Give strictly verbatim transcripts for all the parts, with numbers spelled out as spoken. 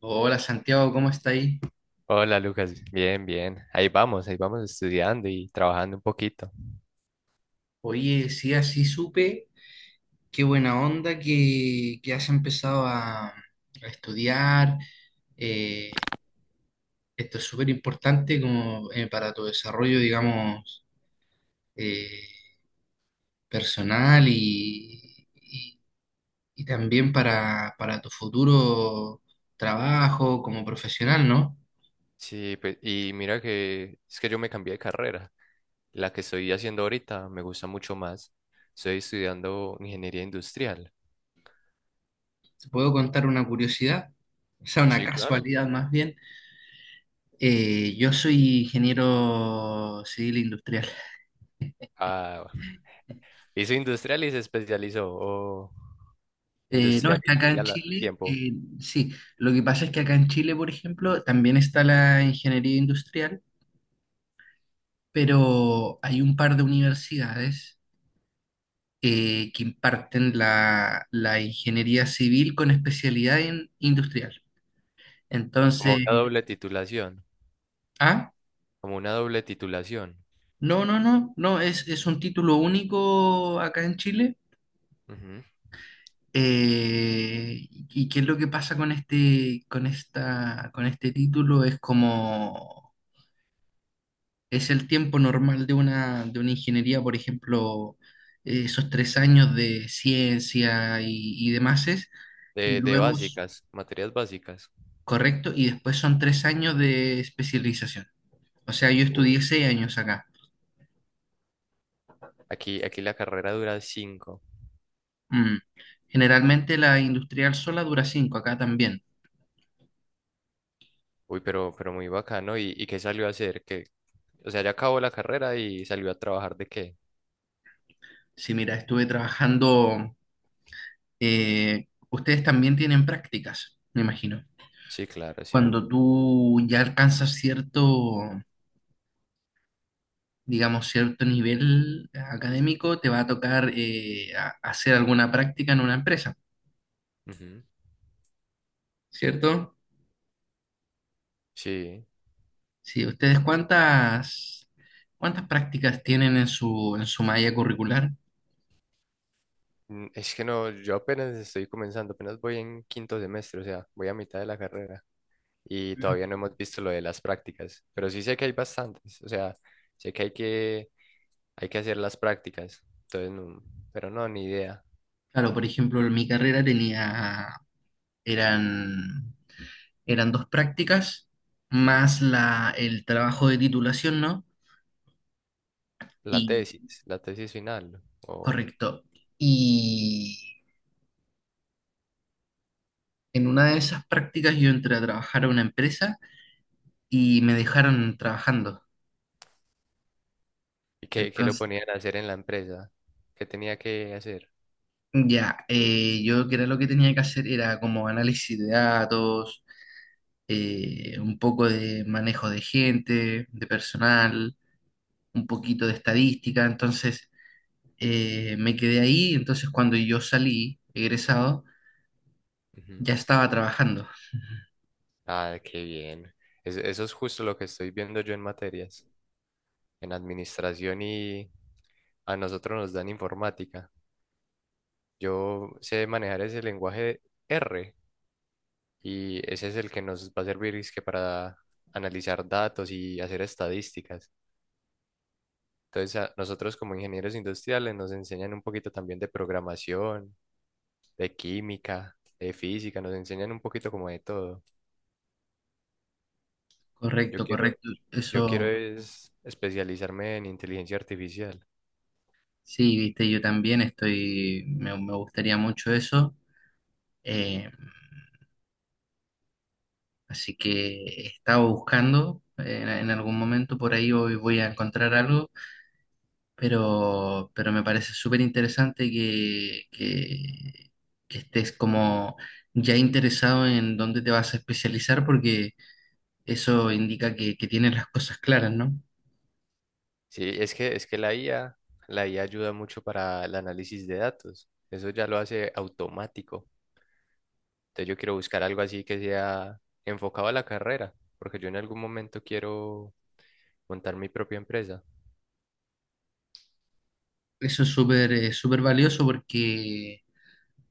Hola Santiago, ¿cómo está ahí? Hola Lucas, bien, bien. Ahí vamos, ahí vamos estudiando y trabajando un poquito. Oye, sí, así supe, qué buena onda que, que has empezado a, a estudiar. eh, Esto es súper importante como eh, para tu desarrollo, digamos, eh, personal y, y- y también para para tu futuro trabajo como profesional, ¿no? Sí, pues, y mira que es que yo me cambié de carrera. La que estoy haciendo ahorita me gusta mucho más. Estoy estudiando ingeniería industrial. Te puedo contar una curiosidad, o sea, una Sí, claro. casualidad más bien. Eh, yo soy ingeniero civil industrial. Ah, ¿hizo industrial y se especializó, o Eh, no, industrial es y que acá civil en al al Chile, tiempo, eh, sí, lo que pasa es que acá en Chile, por ejemplo, también está la ingeniería industrial, pero hay un par de universidades eh, que imparten la, la ingeniería civil con especialidad en industrial. como Entonces, una doble titulación, ah, como una doble titulación. no, no, no, no, es, es un título único acá en Chile. Ujú. Eh, ¿y qué es lo que pasa con este, con esta, con este título? Es como es el tiempo normal de una, de una ingeniería, por ejemplo, eh, esos tres años de ciencia y, y demás, es, y De, de luego, s- básicas, materias básicas. correcto, y después son tres años de especialización. O sea, yo Uh, estudié seis años acá. Aquí, aquí la carrera dura cinco. Mm. Generalmente la industrial sola dura cinco, acá también. Uy, pero, pero muy bacano. ¿Y, y qué salió a hacer? Que O sea, ya acabó la carrera y salió a trabajar de qué. Sí, mira, estuve trabajando, eh, ustedes también tienen prácticas, me imagino. Sí, claro, sí. Cuando tú ya alcanzas cierto digamos, cierto nivel académico, te va a tocar eh, a- hacer alguna práctica en una empresa, Ujú, ¿cierto? sí. Sí, ¿ustedes cuántas, cuántas prácticas tienen en su, en su malla curricular? Mm, es que no, yo apenas estoy comenzando, apenas voy en quinto semestre, o sea, voy a mitad de la carrera y Mm. todavía no hemos visto lo de las prácticas, pero sí sé que hay bastantes, o sea, sé que hay que, hay que hacer las prácticas, entonces no, pero no, ni idea. Claro, por ejemplo, en mi carrera tenía, eran, eran dos prácticas, más la, el trabajo de titulación, ¿no? La Y, tesis, la tesis final, ¿no? o Correcto. Y en una de esas prácticas yo entré a trabajar a una empresa y me dejaron trabajando. ¿y qué, qué lo Entonces, ponían a hacer en la empresa? ¿Qué tenía que hacer? ya, eh, yo que era lo que tenía que hacer era como análisis de datos, eh, un poco de manejo de gente, de personal, un poquito de estadística. Entonces, eh, me quedé ahí. Entonces, cuando yo salí, egresado, ya estaba trabajando. Ah, qué bien. Es- eso es justo lo que estoy viendo yo en materias, en administración y a nosotros nos dan informática. Yo sé manejar ese lenguaje R, y ese es el que nos va a servir es que para analizar datos y hacer estadísticas. Entonces, a nosotros como ingenieros industriales nos enseñan un poquito también de programación, de química, de física, nos enseñan un poquito como de todo. Yo Correcto, quiero, correcto. yo quiero Eso, es especializarme en inteligencia artificial. sí, viste, yo también estoy, me, me gustaría mucho eso. Eh, Así que estaba buscando, eh, en algún momento por ahí hoy voy a encontrar algo pero, pero me parece súper interesante que, que, que estés como ya interesado en dónde te vas a especializar porque eso indica que, que tienes las cosas claras, ¿no? Sí, es que, es que la I A, la I A ayuda mucho para el análisis de datos. Eso ya lo hace automático. Entonces yo quiero buscar algo así que sea enfocado a la carrera, porque yo en algún momento quiero montar mi propia empresa. Eso es súper eh, súper valioso porque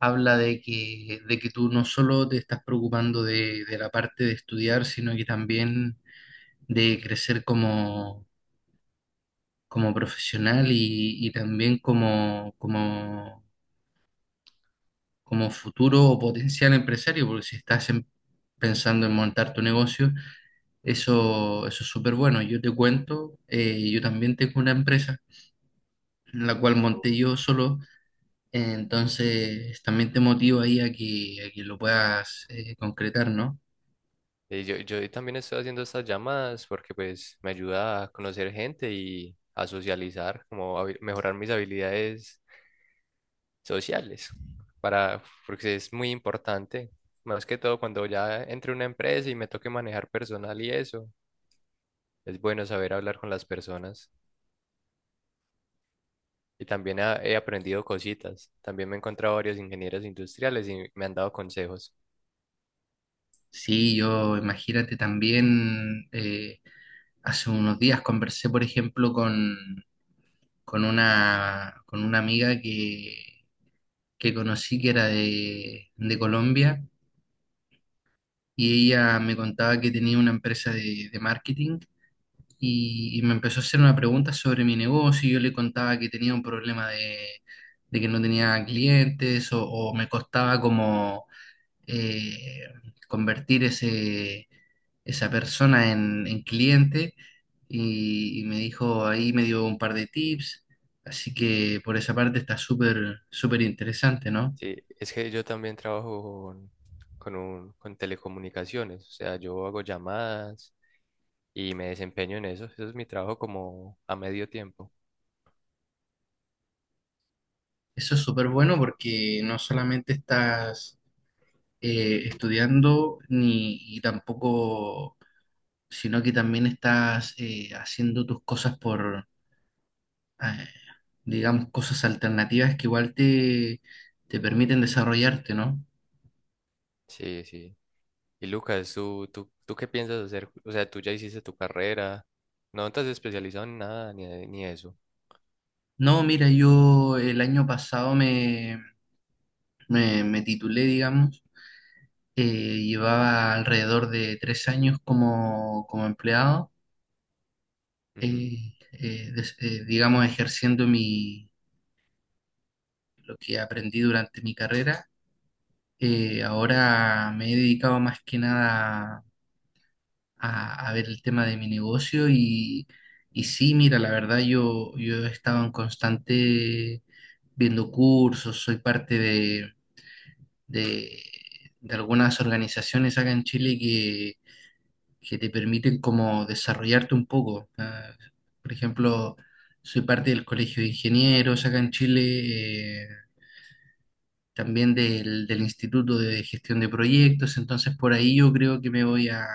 habla de que, de que tú no solo te estás preocupando de, de la parte de estudiar, sino que también de crecer como, como profesional y, y también como, como, como futuro o potencial empresario, porque si estás em- pensando en montar tu negocio, eso, eso es súper bueno. Yo te cuento, eh, yo también tengo una empresa, la cual monté yo solo, eh, entonces también te motivo ahí a que, a que lo puedas eh, concretar, ¿no? Y yo, yo también estoy haciendo estas llamadas porque pues me ayuda a conocer gente y a socializar, como a mejorar mis habilidades sociales, para, porque es muy importante, más que todo cuando ya entre una empresa y me toque manejar personal y eso. Es bueno saber hablar con las personas. Y también ha- he aprendido cositas. También me he encontrado varios ingenieros industriales y me han dado consejos. Sí, yo imagínate también, eh, hace unos días conversé, por ejemplo, con, con una, con una amiga que, que conocí que era de, de Colombia y ella me contaba que tenía una empresa de, de marketing y, y me empezó a hacer una pregunta sobre mi negocio. Y yo le contaba que tenía un problema de, de que no tenía clientes o, o me costaba como eh, convertir ese, esa persona en, en cliente y, y me dijo, ahí me dio un par de tips. Así que por esa parte está súper, súper interesante, ¿no? Sí, es que yo también trabajo con, con un- con telecomunicaciones. O sea, yo hago llamadas y me desempeño en eso. Eso es mi trabajo como a medio tiempo. Eso es súper bueno porque no solamente estás eh, estudiando ni y tampoco, sino que también estás eh, haciendo tus cosas por, eh, digamos, cosas alternativas que igual te, te permiten desarrollarte, ¿no? Sí, sí. Y Lucas, ¿tú, tú, tú qué piensas hacer? O sea, tú ya hiciste tu carrera. No te has especializado en nada ni, ni eso. No, mira, yo el año pasado me, me, me titulé, digamos, eh, llevaba alrededor de tres años como, como empleado, Ujú. eh, eh, des- eh, digamos, ejerciendo mi, lo que aprendí durante mi carrera. Eh, ahora me he dedicado más que nada a, a ver el tema de mi negocio y, y sí, mira, la verdad yo, yo he estado en constante viendo cursos, soy parte de, de- de algunas organizaciones acá en Chile que, que te permiten como desarrollarte un poco. Ah, por ejemplo, soy parte del Colegio de Ingenieros acá en Chile. Eh, también del, del Instituto de Gestión de Proyectos, entonces por ahí yo creo que me voy a,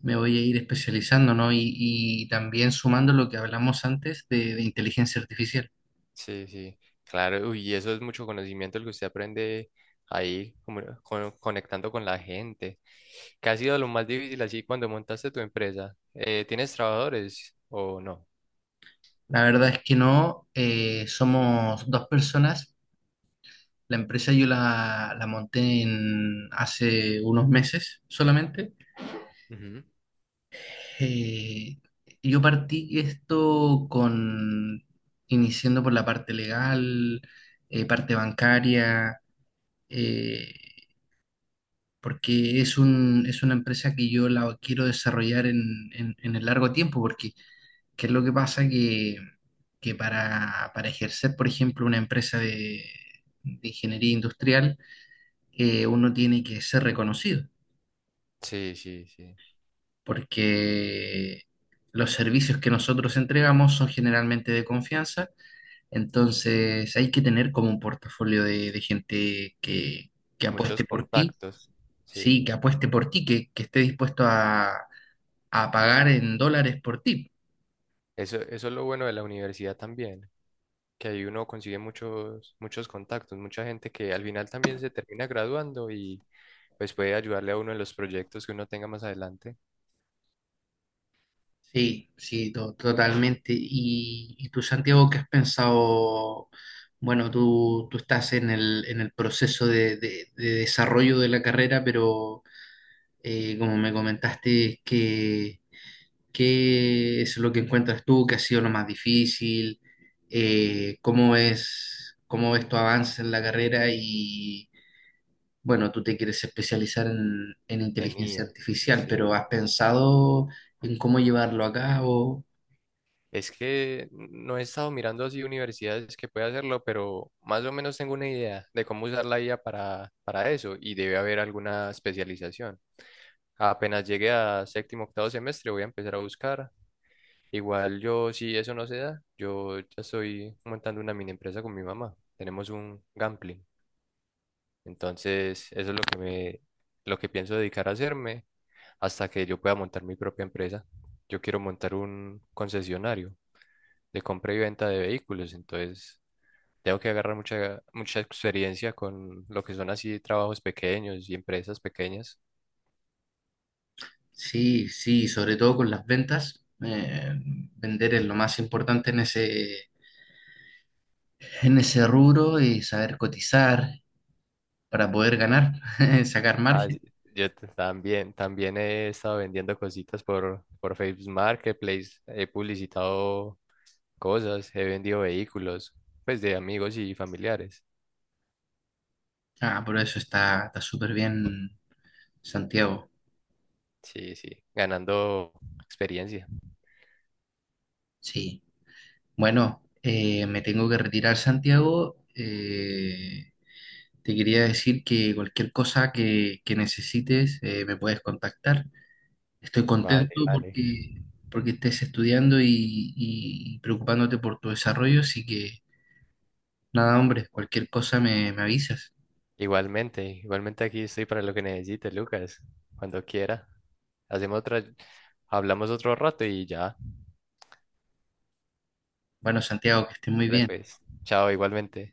me voy a ir especializando, ¿no? Y, y también sumando lo que hablamos antes de, de inteligencia artificial. Sí, sí, claro, uy, y eso es mucho conocimiento el que usted aprende ahí, como co- conectando con la gente. ¿Qué ha sido lo más difícil así cuando montaste tu empresa? Eh, ¿tienes trabajadores o no? La verdad es que no, eh, somos dos personas. La empresa yo la, la monté en hace unos meses solamente. Ujú. Eh, yo partí esto con, iniciando por la parte legal, eh, parte bancaria, eh, porque es un, es una empresa que yo la quiero desarrollar en, en, en el largo tiempo, porque ¿qué es lo que pasa? Que, que para, para ejercer, por ejemplo, una empresa de, de ingeniería industrial, eh, uno tiene que ser reconocido, Sí, sí, sí, porque los servicios que nosotros entregamos son generalmente de confianza, entonces hay que tener como un portafolio de, de gente que, que apueste muchos por ti. contactos, sí. Sí, que apueste por ti, que, que esté dispuesto a, a pagar en dólares por ti. Eso, eso es lo bueno de la universidad también, que ahí uno consigue muchos, muchos contactos, mucha gente que al final también se termina graduando y pues puede ayudarle a uno en los proyectos que uno tenga más adelante Sí, sí, to- totalmente. Y, y tú, Santiago, ¿qué has pensado? Bueno, tú, tú estás en el, en el proceso de, de- de desarrollo de la carrera, pero eh, como me comentaste, ¿qué, qué es lo que encuentras tú que ha sido lo más difícil? Eh, ¿cómo es, Cómo ves tu avance en la carrera, bueno, tú te quieres especializar en, en en inteligencia I A. artificial, pero Sí. ¿has pensado en cómo llevarlo a cabo? Es que no he estado mirando así universidades que pueda hacerlo, pero más o menos tengo una idea de cómo usar la I A para, para eso y debe haber alguna especialización. Apenas llegue a séptimo, octavo semestre, voy a empezar a buscar. Igual yo, si eso no se da, yo ya estoy montando una mini empresa con mi mamá. Tenemos un gambling. Entonces, eso es lo que me, lo que pienso dedicar a hacerme hasta que yo pueda montar mi propia empresa. Yo quiero montar un concesionario de compra y venta de vehículos, entonces tengo que agarrar mucha, mucha experiencia con lo que son así trabajos pequeños y empresas pequeñas. Sí, sí, sobre todo con las ventas. Eh, vender es lo más importante en ese, en ese rubro y saber cotizar para poder ganar, sacar Ah, margen. sí, yo t- también, también he estado vendiendo cositas por, por Facebook Marketplace, he publicitado cosas, he vendido vehículos, pues de amigos y familiares. Ah, por eso está, está súper bien, Santiago. Sí, sí, ganando experiencia. Sí. Bueno, eh, me tengo que retirar, Santiago. Eh, Te quería decir que cualquier cosa que, que necesites eh, me puedes contactar. Estoy Vale, contento vale. porque, porque estés estudiando y, y preocupándote por tu desarrollo, así que nada, hombre, cualquier cosa me, me avisas. Igualmente, igualmente aquí estoy para lo que necesite, Lucas, cuando quiera. Hacemos otra, hablamos otro rato y ya. Bueno, Santiago, que estés muy Vale, bien. pues, chao, igualmente.